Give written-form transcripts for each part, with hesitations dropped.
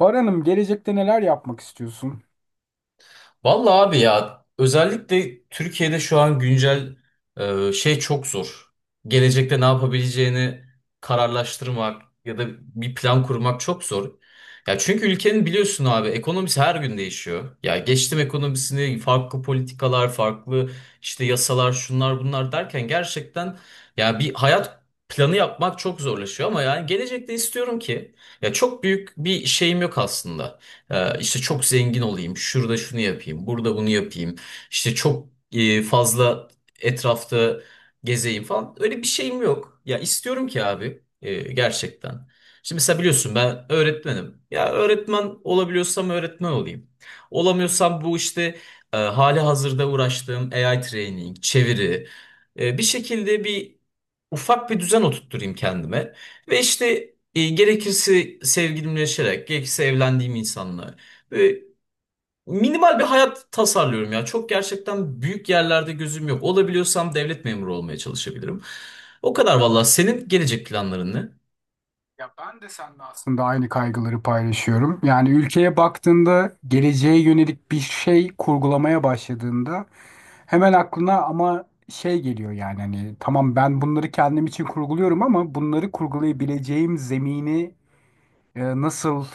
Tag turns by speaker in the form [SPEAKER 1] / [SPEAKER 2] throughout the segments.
[SPEAKER 1] Bahar Hanım, gelecekte neler yapmak istiyorsun?
[SPEAKER 2] Vallahi abi ya özellikle Türkiye'de şu an güncel şey çok zor. Gelecekte ne yapabileceğini kararlaştırmak ya da bir plan kurmak çok zor. Ya çünkü ülkenin biliyorsun abi ekonomisi her gün değişiyor. Ya geçtim ekonomisini farklı politikalar, farklı işte yasalar, şunlar bunlar derken gerçekten ya bir hayat planı yapmak çok zorlaşıyor ama yani gelecekte istiyorum ki ya çok büyük bir şeyim yok aslında. İşte çok zengin olayım, şurada şunu yapayım, burada bunu yapayım. İşte çok fazla etrafta gezeyim falan. Öyle bir şeyim yok. Ya istiyorum ki abi gerçekten. Şimdi mesela biliyorsun ben öğretmenim. Ya öğretmen olabiliyorsam öğretmen olayım. Olamıyorsam bu işte hali hazırda uğraştığım AI training, çeviri, bir şekilde bir ufak bir düzen oturtturayım kendime. Ve işte gerekirse sevgilimleşerek, gerekirse evlendiğim insanla. Böyle minimal bir hayat tasarlıyorum ya. Çok gerçekten büyük yerlerde gözüm yok. Olabiliyorsam devlet memuru olmaya çalışabilirim. O kadar valla. Senin gelecek planların ne?
[SPEAKER 1] Ya ben de seninle aslında aynı kaygıları paylaşıyorum. Yani ülkeye baktığında geleceğe yönelik bir şey kurgulamaya başladığında hemen aklına ama şey geliyor. Yani hani tamam, ben bunları kendim için kurguluyorum ama bunları kurgulayabileceğim zemini nasıl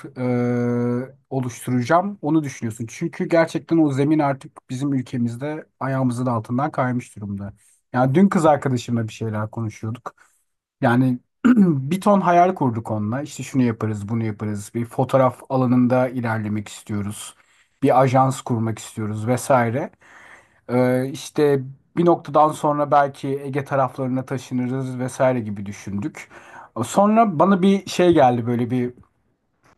[SPEAKER 1] oluşturacağım onu düşünüyorsun. Çünkü gerçekten o zemin artık bizim ülkemizde ayağımızın altından kaymış durumda. Yani dün kız arkadaşımla bir şeyler konuşuyorduk. Yani bir ton hayal kurduk onunla. İşte şunu yaparız, bunu yaparız. Bir fotoğraf alanında ilerlemek istiyoruz. Bir ajans kurmak istiyoruz vesaire. İşte bir noktadan sonra belki Ege taraflarına taşınırız vesaire gibi düşündük. Sonra bana bir şey geldi, böyle bir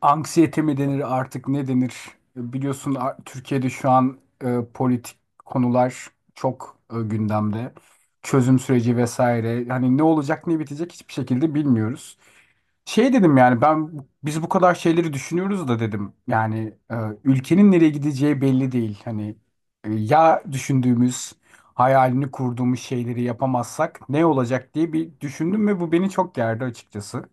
[SPEAKER 1] anksiyete mi denir artık, ne denir? Biliyorsun, Türkiye'de şu an politik konular çok gündemde. Çözüm süreci vesaire. Hani ne olacak, ne bitecek hiçbir şekilde bilmiyoruz. Şey dedim, yani ben biz bu kadar şeyleri düşünüyoruz da dedim. Yani ülkenin nereye gideceği belli değil. Hani ya düşündüğümüz, hayalini kurduğumuz şeyleri yapamazsak ne olacak diye bir düşündüm ve bu beni çok gerdi açıkçası.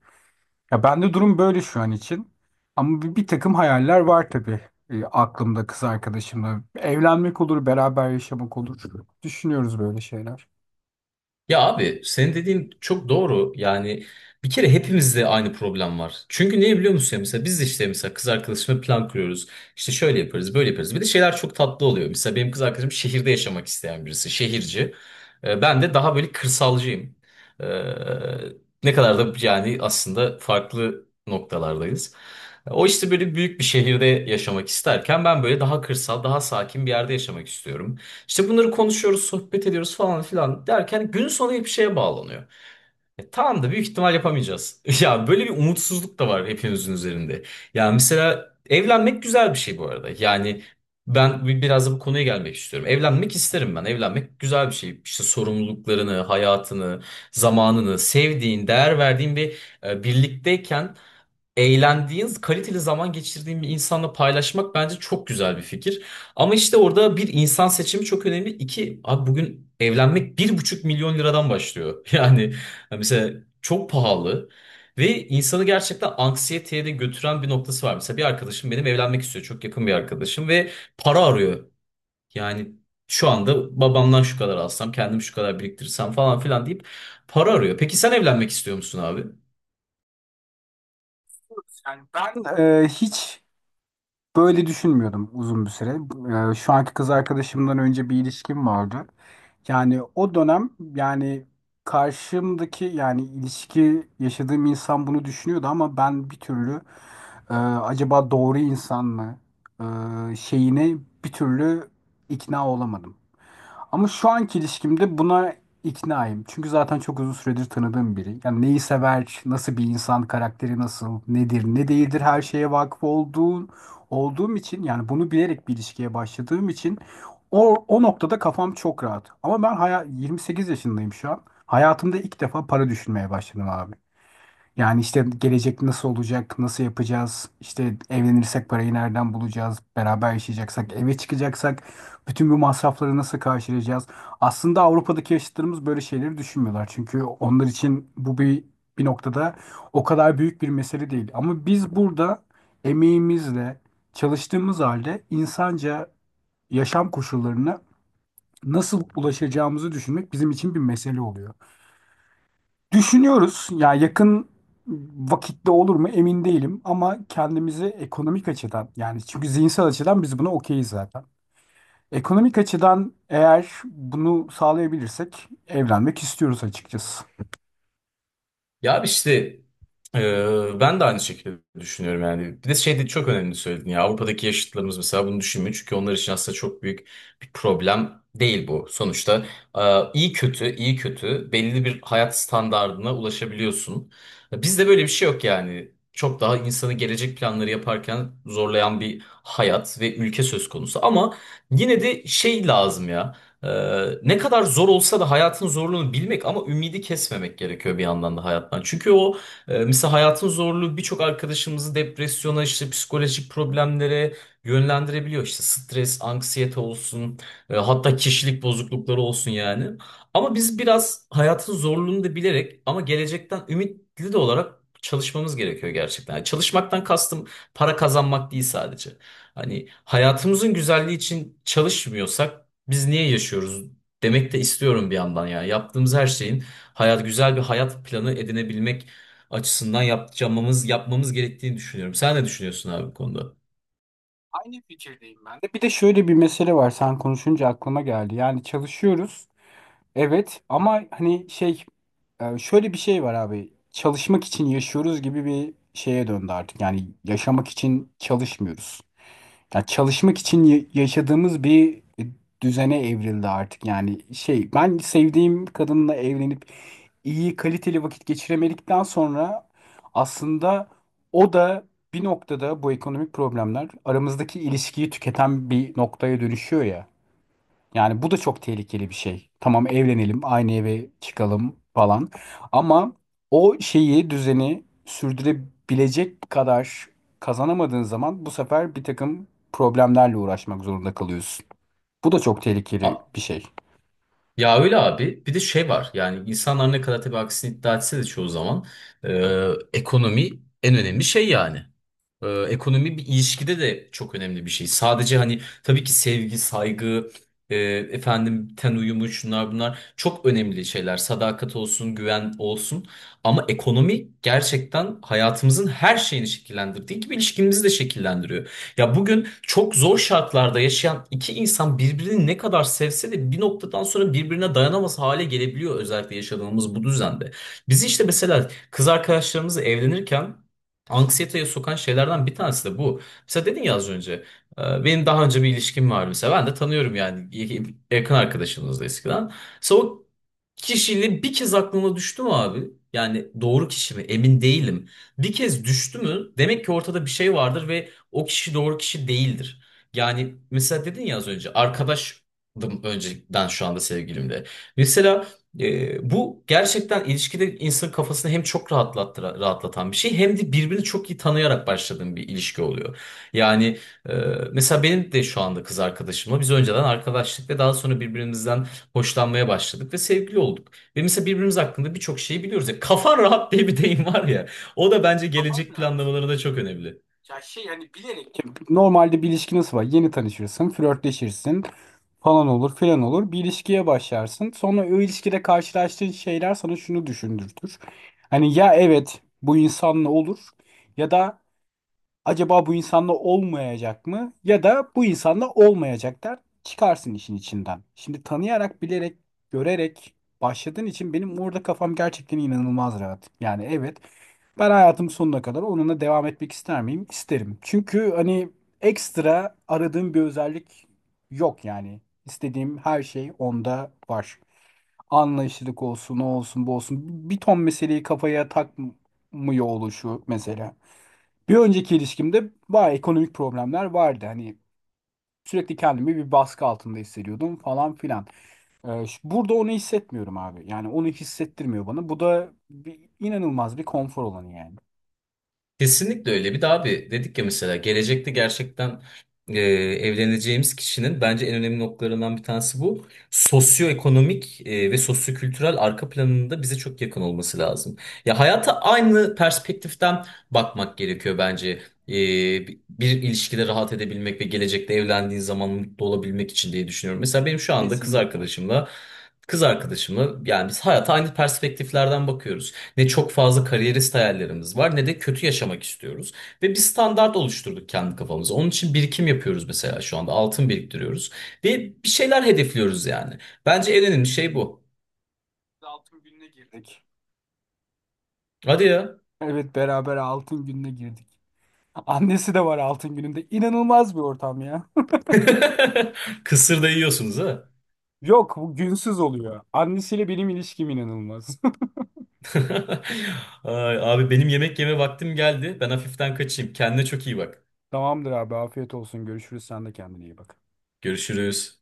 [SPEAKER 1] Ya bende durum böyle şu an için. Ama bir takım hayaller var tabii. Aklımda kız arkadaşımla. Evlenmek olur, beraber yaşamak olur. Düşünüyoruz böyle şeyler.
[SPEAKER 2] Ya abi senin dediğin çok doğru. Yani bir kere hepimizde aynı problem var. Çünkü niye biliyor musun ya mesela biz de işte mesela kız arkadaşımla plan kuruyoruz. İşte şöyle yaparız, böyle yaparız. Bir de şeyler çok tatlı oluyor. Mesela benim kız arkadaşım şehirde yaşamak isteyen birisi, şehirci. Ben de daha böyle kırsalcıyım. Ee, Ne kadar da yani aslında farklı noktalardayız. O işte böyle büyük bir şehirde yaşamak isterken ben böyle daha kırsal, daha sakin bir yerde yaşamak istiyorum. İşte bunları konuşuyoruz, sohbet ediyoruz falan filan derken gün sonu hep şeye bağlanıyor. Tamam da büyük ihtimal yapamayacağız. Ya böyle bir umutsuzluk da var hepimizin üzerinde. Ya mesela evlenmek güzel bir şey bu arada. Yani ben biraz da bu konuya gelmek istiyorum. Evlenmek isterim ben. Evlenmek güzel bir şey. İşte sorumluluklarını, hayatını, zamanını, sevdiğin, değer verdiğin bir birlikteyken eğlendiğin, kaliteli zaman geçirdiğin bir insanla paylaşmak bence çok güzel bir fikir. Ama işte orada bir insan seçimi çok önemli. İki, abi bugün evlenmek 1,5 milyon liradan başlıyor. Yani mesela çok pahalı. Ve insanı gerçekten anksiyeteye de götüren bir noktası var. Mesela bir arkadaşım benim evlenmek istiyor. Çok yakın bir arkadaşım ve para arıyor. Yani şu anda babamdan şu kadar alsam, kendim şu kadar biriktirsem falan filan deyip para arıyor. Peki sen evlenmek istiyor musun abi?
[SPEAKER 1] Ben e, hiç böyle düşünmüyordum uzun bir süre. Şu anki kız arkadaşımdan önce bir ilişkim vardı. Yani o dönem, yani karşımdaki, yani ilişki yaşadığım insan bunu düşünüyordu ama ben bir türlü, acaba doğru insan mı şeyine bir türlü ikna olamadım. Ama şu anki ilişkimde buna iknaayım. Çünkü zaten çok uzun süredir tanıdığım biri. Yani neyi sever, nasıl bir insan, karakteri nasıl, nedir, ne değildir her şeye vakıf olduğum için, yani bunu bilerek bir ilişkiye başladığım için o noktada kafam çok rahat. Ama ben 28 yaşındayım şu an. Hayatımda ilk defa para düşünmeye başladım abi. Yani işte gelecek nasıl olacak, nasıl yapacağız, işte evlenirsek parayı nereden bulacağız, beraber yaşayacaksak, eve çıkacaksak, bütün bu masrafları nasıl karşılayacağız? Aslında Avrupa'daki yaşıtlarımız böyle şeyleri düşünmüyorlar. Çünkü onlar için bu bir noktada o kadar büyük bir mesele değil. Ama biz burada emeğimizle, çalıştığımız halde insanca yaşam koşullarına nasıl ulaşacağımızı düşünmek bizim için bir mesele oluyor. Düşünüyoruz. Ya yakın vakitte olur mu emin değilim ama kendimizi ekonomik açıdan, yani çünkü zihinsel açıdan biz buna okeyiz zaten. Ekonomik açıdan eğer bunu sağlayabilirsek evlenmek istiyoruz açıkçası.
[SPEAKER 2] Ya abi işte ben de aynı şekilde düşünüyorum yani. Bir de şey de çok önemli söyledin ya Avrupa'daki yaşıtlarımız mesela bunu düşünmüyor. Çünkü onlar için aslında çok büyük bir problem değil bu. Sonuçta e, iyi kötü iyi kötü belli bir hayat standardına ulaşabiliyorsun. Bizde böyle bir şey yok yani. Çok daha insanı gelecek planları yaparken zorlayan bir hayat ve ülke söz konusu. Ama yine de şey lazım ya. Ee, Ne kadar zor olsa da hayatın zorluğunu bilmek ama ümidi kesmemek gerekiyor bir yandan da hayattan. Çünkü o mesela hayatın zorluğu birçok arkadaşımızı depresyona işte psikolojik problemlere yönlendirebiliyor. İşte stres, anksiyete olsun hatta kişilik bozuklukları olsun yani. Ama biz biraz hayatın zorluğunu da bilerek ama gelecekten ümitli de olarak çalışmamız gerekiyor gerçekten. Yani çalışmaktan kastım para kazanmak değil sadece. Hani hayatımızın güzelliği için çalışmıyorsak biz niye yaşıyoruz demek de istiyorum bir yandan ya. Yaptığımız her şeyin hayat güzel bir hayat planı edinebilmek açısından yapacağımız yapmamız gerektiğini düşünüyorum. Sen ne düşünüyorsun abi bu konuda?
[SPEAKER 1] Aynı fikirdeyim ben de. Bir de şöyle bir mesele var. Sen konuşunca aklıma geldi. Yani çalışıyoruz. Evet ama hani şey, şöyle bir şey var abi. Çalışmak için yaşıyoruz gibi bir şeye döndü artık. Yani yaşamak için çalışmıyoruz. Ya çalışmak için yaşadığımız bir düzene evrildi artık. Yani şey, ben sevdiğim kadınla evlenip iyi kaliteli vakit geçiremedikten sonra aslında o da bir noktada bu ekonomik problemler aramızdaki ilişkiyi tüketen bir noktaya dönüşüyor ya. Yani bu da çok tehlikeli bir şey. Tamam evlenelim, aynı eve çıkalım falan. Ama o şeyi, düzeni sürdürebilecek kadar kazanamadığın zaman bu sefer bir takım problemlerle uğraşmak zorunda kalıyorsun. Bu da çok tehlikeli
[SPEAKER 2] A-
[SPEAKER 1] bir şey.
[SPEAKER 2] Ya öyle abi. Bir de şey var. Yani insanlar ne kadar tabii aksini iddia etse de çoğu zaman e, ekonomi en önemli şey yani. Ekonomi bir ilişkide de çok önemli bir şey. Sadece hani tabii ki sevgi, saygı, e, efendim ten uyumu şunlar bunlar çok önemli şeyler. Sadakat olsun, güven olsun. Ama ekonomi gerçekten hayatımızın her şeyini şekillendirdiği gibi ilişkimizi de şekillendiriyor. Ya bugün çok zor şartlarda yaşayan iki insan birbirini ne kadar sevse de bir noktadan sonra birbirine dayanamaz hale gelebiliyor özellikle yaşadığımız bu düzende. Biz işte mesela kız arkadaşlarımızla evlenirken anksiyeteye sokan şeylerden bir tanesi de bu. Mesela dedin ya az önce benim daha önce bir ilişkim vardı mesela ben de tanıyorum yani yakın arkadaşımızdı eskiden. Mesela o kişiyle bir kez aklıma düştü mü abi? Yani doğru kişi mi? Emin değilim. Bir kez düştü mü? Demek ki ortada bir şey vardır ve o kişi doğru kişi değildir. Yani mesela dedin ya az önce arkadaşdım önceden şu anda sevgilimle. Mesela bu gerçekten ilişkide insanın kafasını hem çok rahatlattı, rahatlatan bir şey hem de birbirini çok iyi tanıyarak başladığın bir ilişki oluyor. Yani e, mesela benim de şu anda kız arkadaşımla biz önceden arkadaşlık ve daha sonra birbirimizden hoşlanmaya başladık ve sevgili olduk. Ve mesela birbirimiz hakkında birçok şeyi biliyoruz. Ya, kafan rahat diye bir deyim var ya. O da bence
[SPEAKER 1] Kafan
[SPEAKER 2] gelecek
[SPEAKER 1] rahat.
[SPEAKER 2] planlamalarında çok önemli.
[SPEAKER 1] Ya şey, yani bilerek. Normalde bir ilişki nasıl var? Yeni tanışırsın, flörtleşirsin, falan olur filan olur. Bir ilişkiye başlarsın. Sonra o ilişkide karşılaştığın şeyler sana şunu düşündürtür. Hani ya evet, bu insanla olur, ya da acaba bu insanla olmayacak mı? Ya da bu insanla olmayacak der. Çıkarsın işin içinden. Şimdi tanıyarak, bilerek, görerek başladığın için benim orada kafam gerçekten inanılmaz rahat. Yani evet, ben hayatım sonuna kadar onunla devam etmek ister miyim? İsterim. Çünkü hani ekstra aradığım bir özellik yok yani. İstediğim her şey onda var. Anlayışlılık olsun, o olsun, bu olsun. Bir ton meseleyi kafaya takmıyor oluşu mesela. Bir önceki ilişkimde bayağı ekonomik problemler vardı. Hani sürekli kendimi bir baskı altında hissediyordum falan filan. Burada onu hissetmiyorum abi. Yani onu hissettirmiyor bana. Bu da inanılmaz bir konfor olanı yani.
[SPEAKER 2] Kesinlikle öyle. Bir de abi dedik ya mesela gelecekte gerçekten evleneceğimiz kişinin bence en önemli noktalarından bir tanesi bu. Sosyoekonomik ve sosyokültürel arka planında bize çok yakın olması lazım. Ya hayata aynı perspektiften bakmak gerekiyor bence. E, bir ilişkide rahat edebilmek ve gelecekte evlendiğin zaman mutlu olabilmek için diye düşünüyorum. Mesela benim şu anda kız
[SPEAKER 1] Kesinlikle.
[SPEAKER 2] arkadaşımla yani biz hayata aynı perspektiflerden bakıyoruz. Ne çok fazla kariyerist hayallerimiz var ne de kötü yaşamak istiyoruz. Ve bir standart oluşturduk kendi kafamıza. Onun için birikim yapıyoruz mesela şu anda. Altın biriktiriyoruz. Ve bir şeyler hedefliyoruz yani. Bence en önemli şey bu.
[SPEAKER 1] Altın gününe girdik.
[SPEAKER 2] Hadi ya.
[SPEAKER 1] Evet, beraber altın gününe girdik. Annesi de var altın gününde. İnanılmaz bir ortam ya.
[SPEAKER 2] Kısır da yiyorsunuz ha.
[SPEAKER 1] Yok, bu günsüz oluyor. Annesiyle benim ilişkim inanılmaz.
[SPEAKER 2] Ay, abi benim yemek yeme vaktim geldi. Ben hafiften kaçayım. Kendine çok iyi bak.
[SPEAKER 1] Tamamdır abi, afiyet olsun. Görüşürüz. Sen de kendine iyi bak.
[SPEAKER 2] Görüşürüz.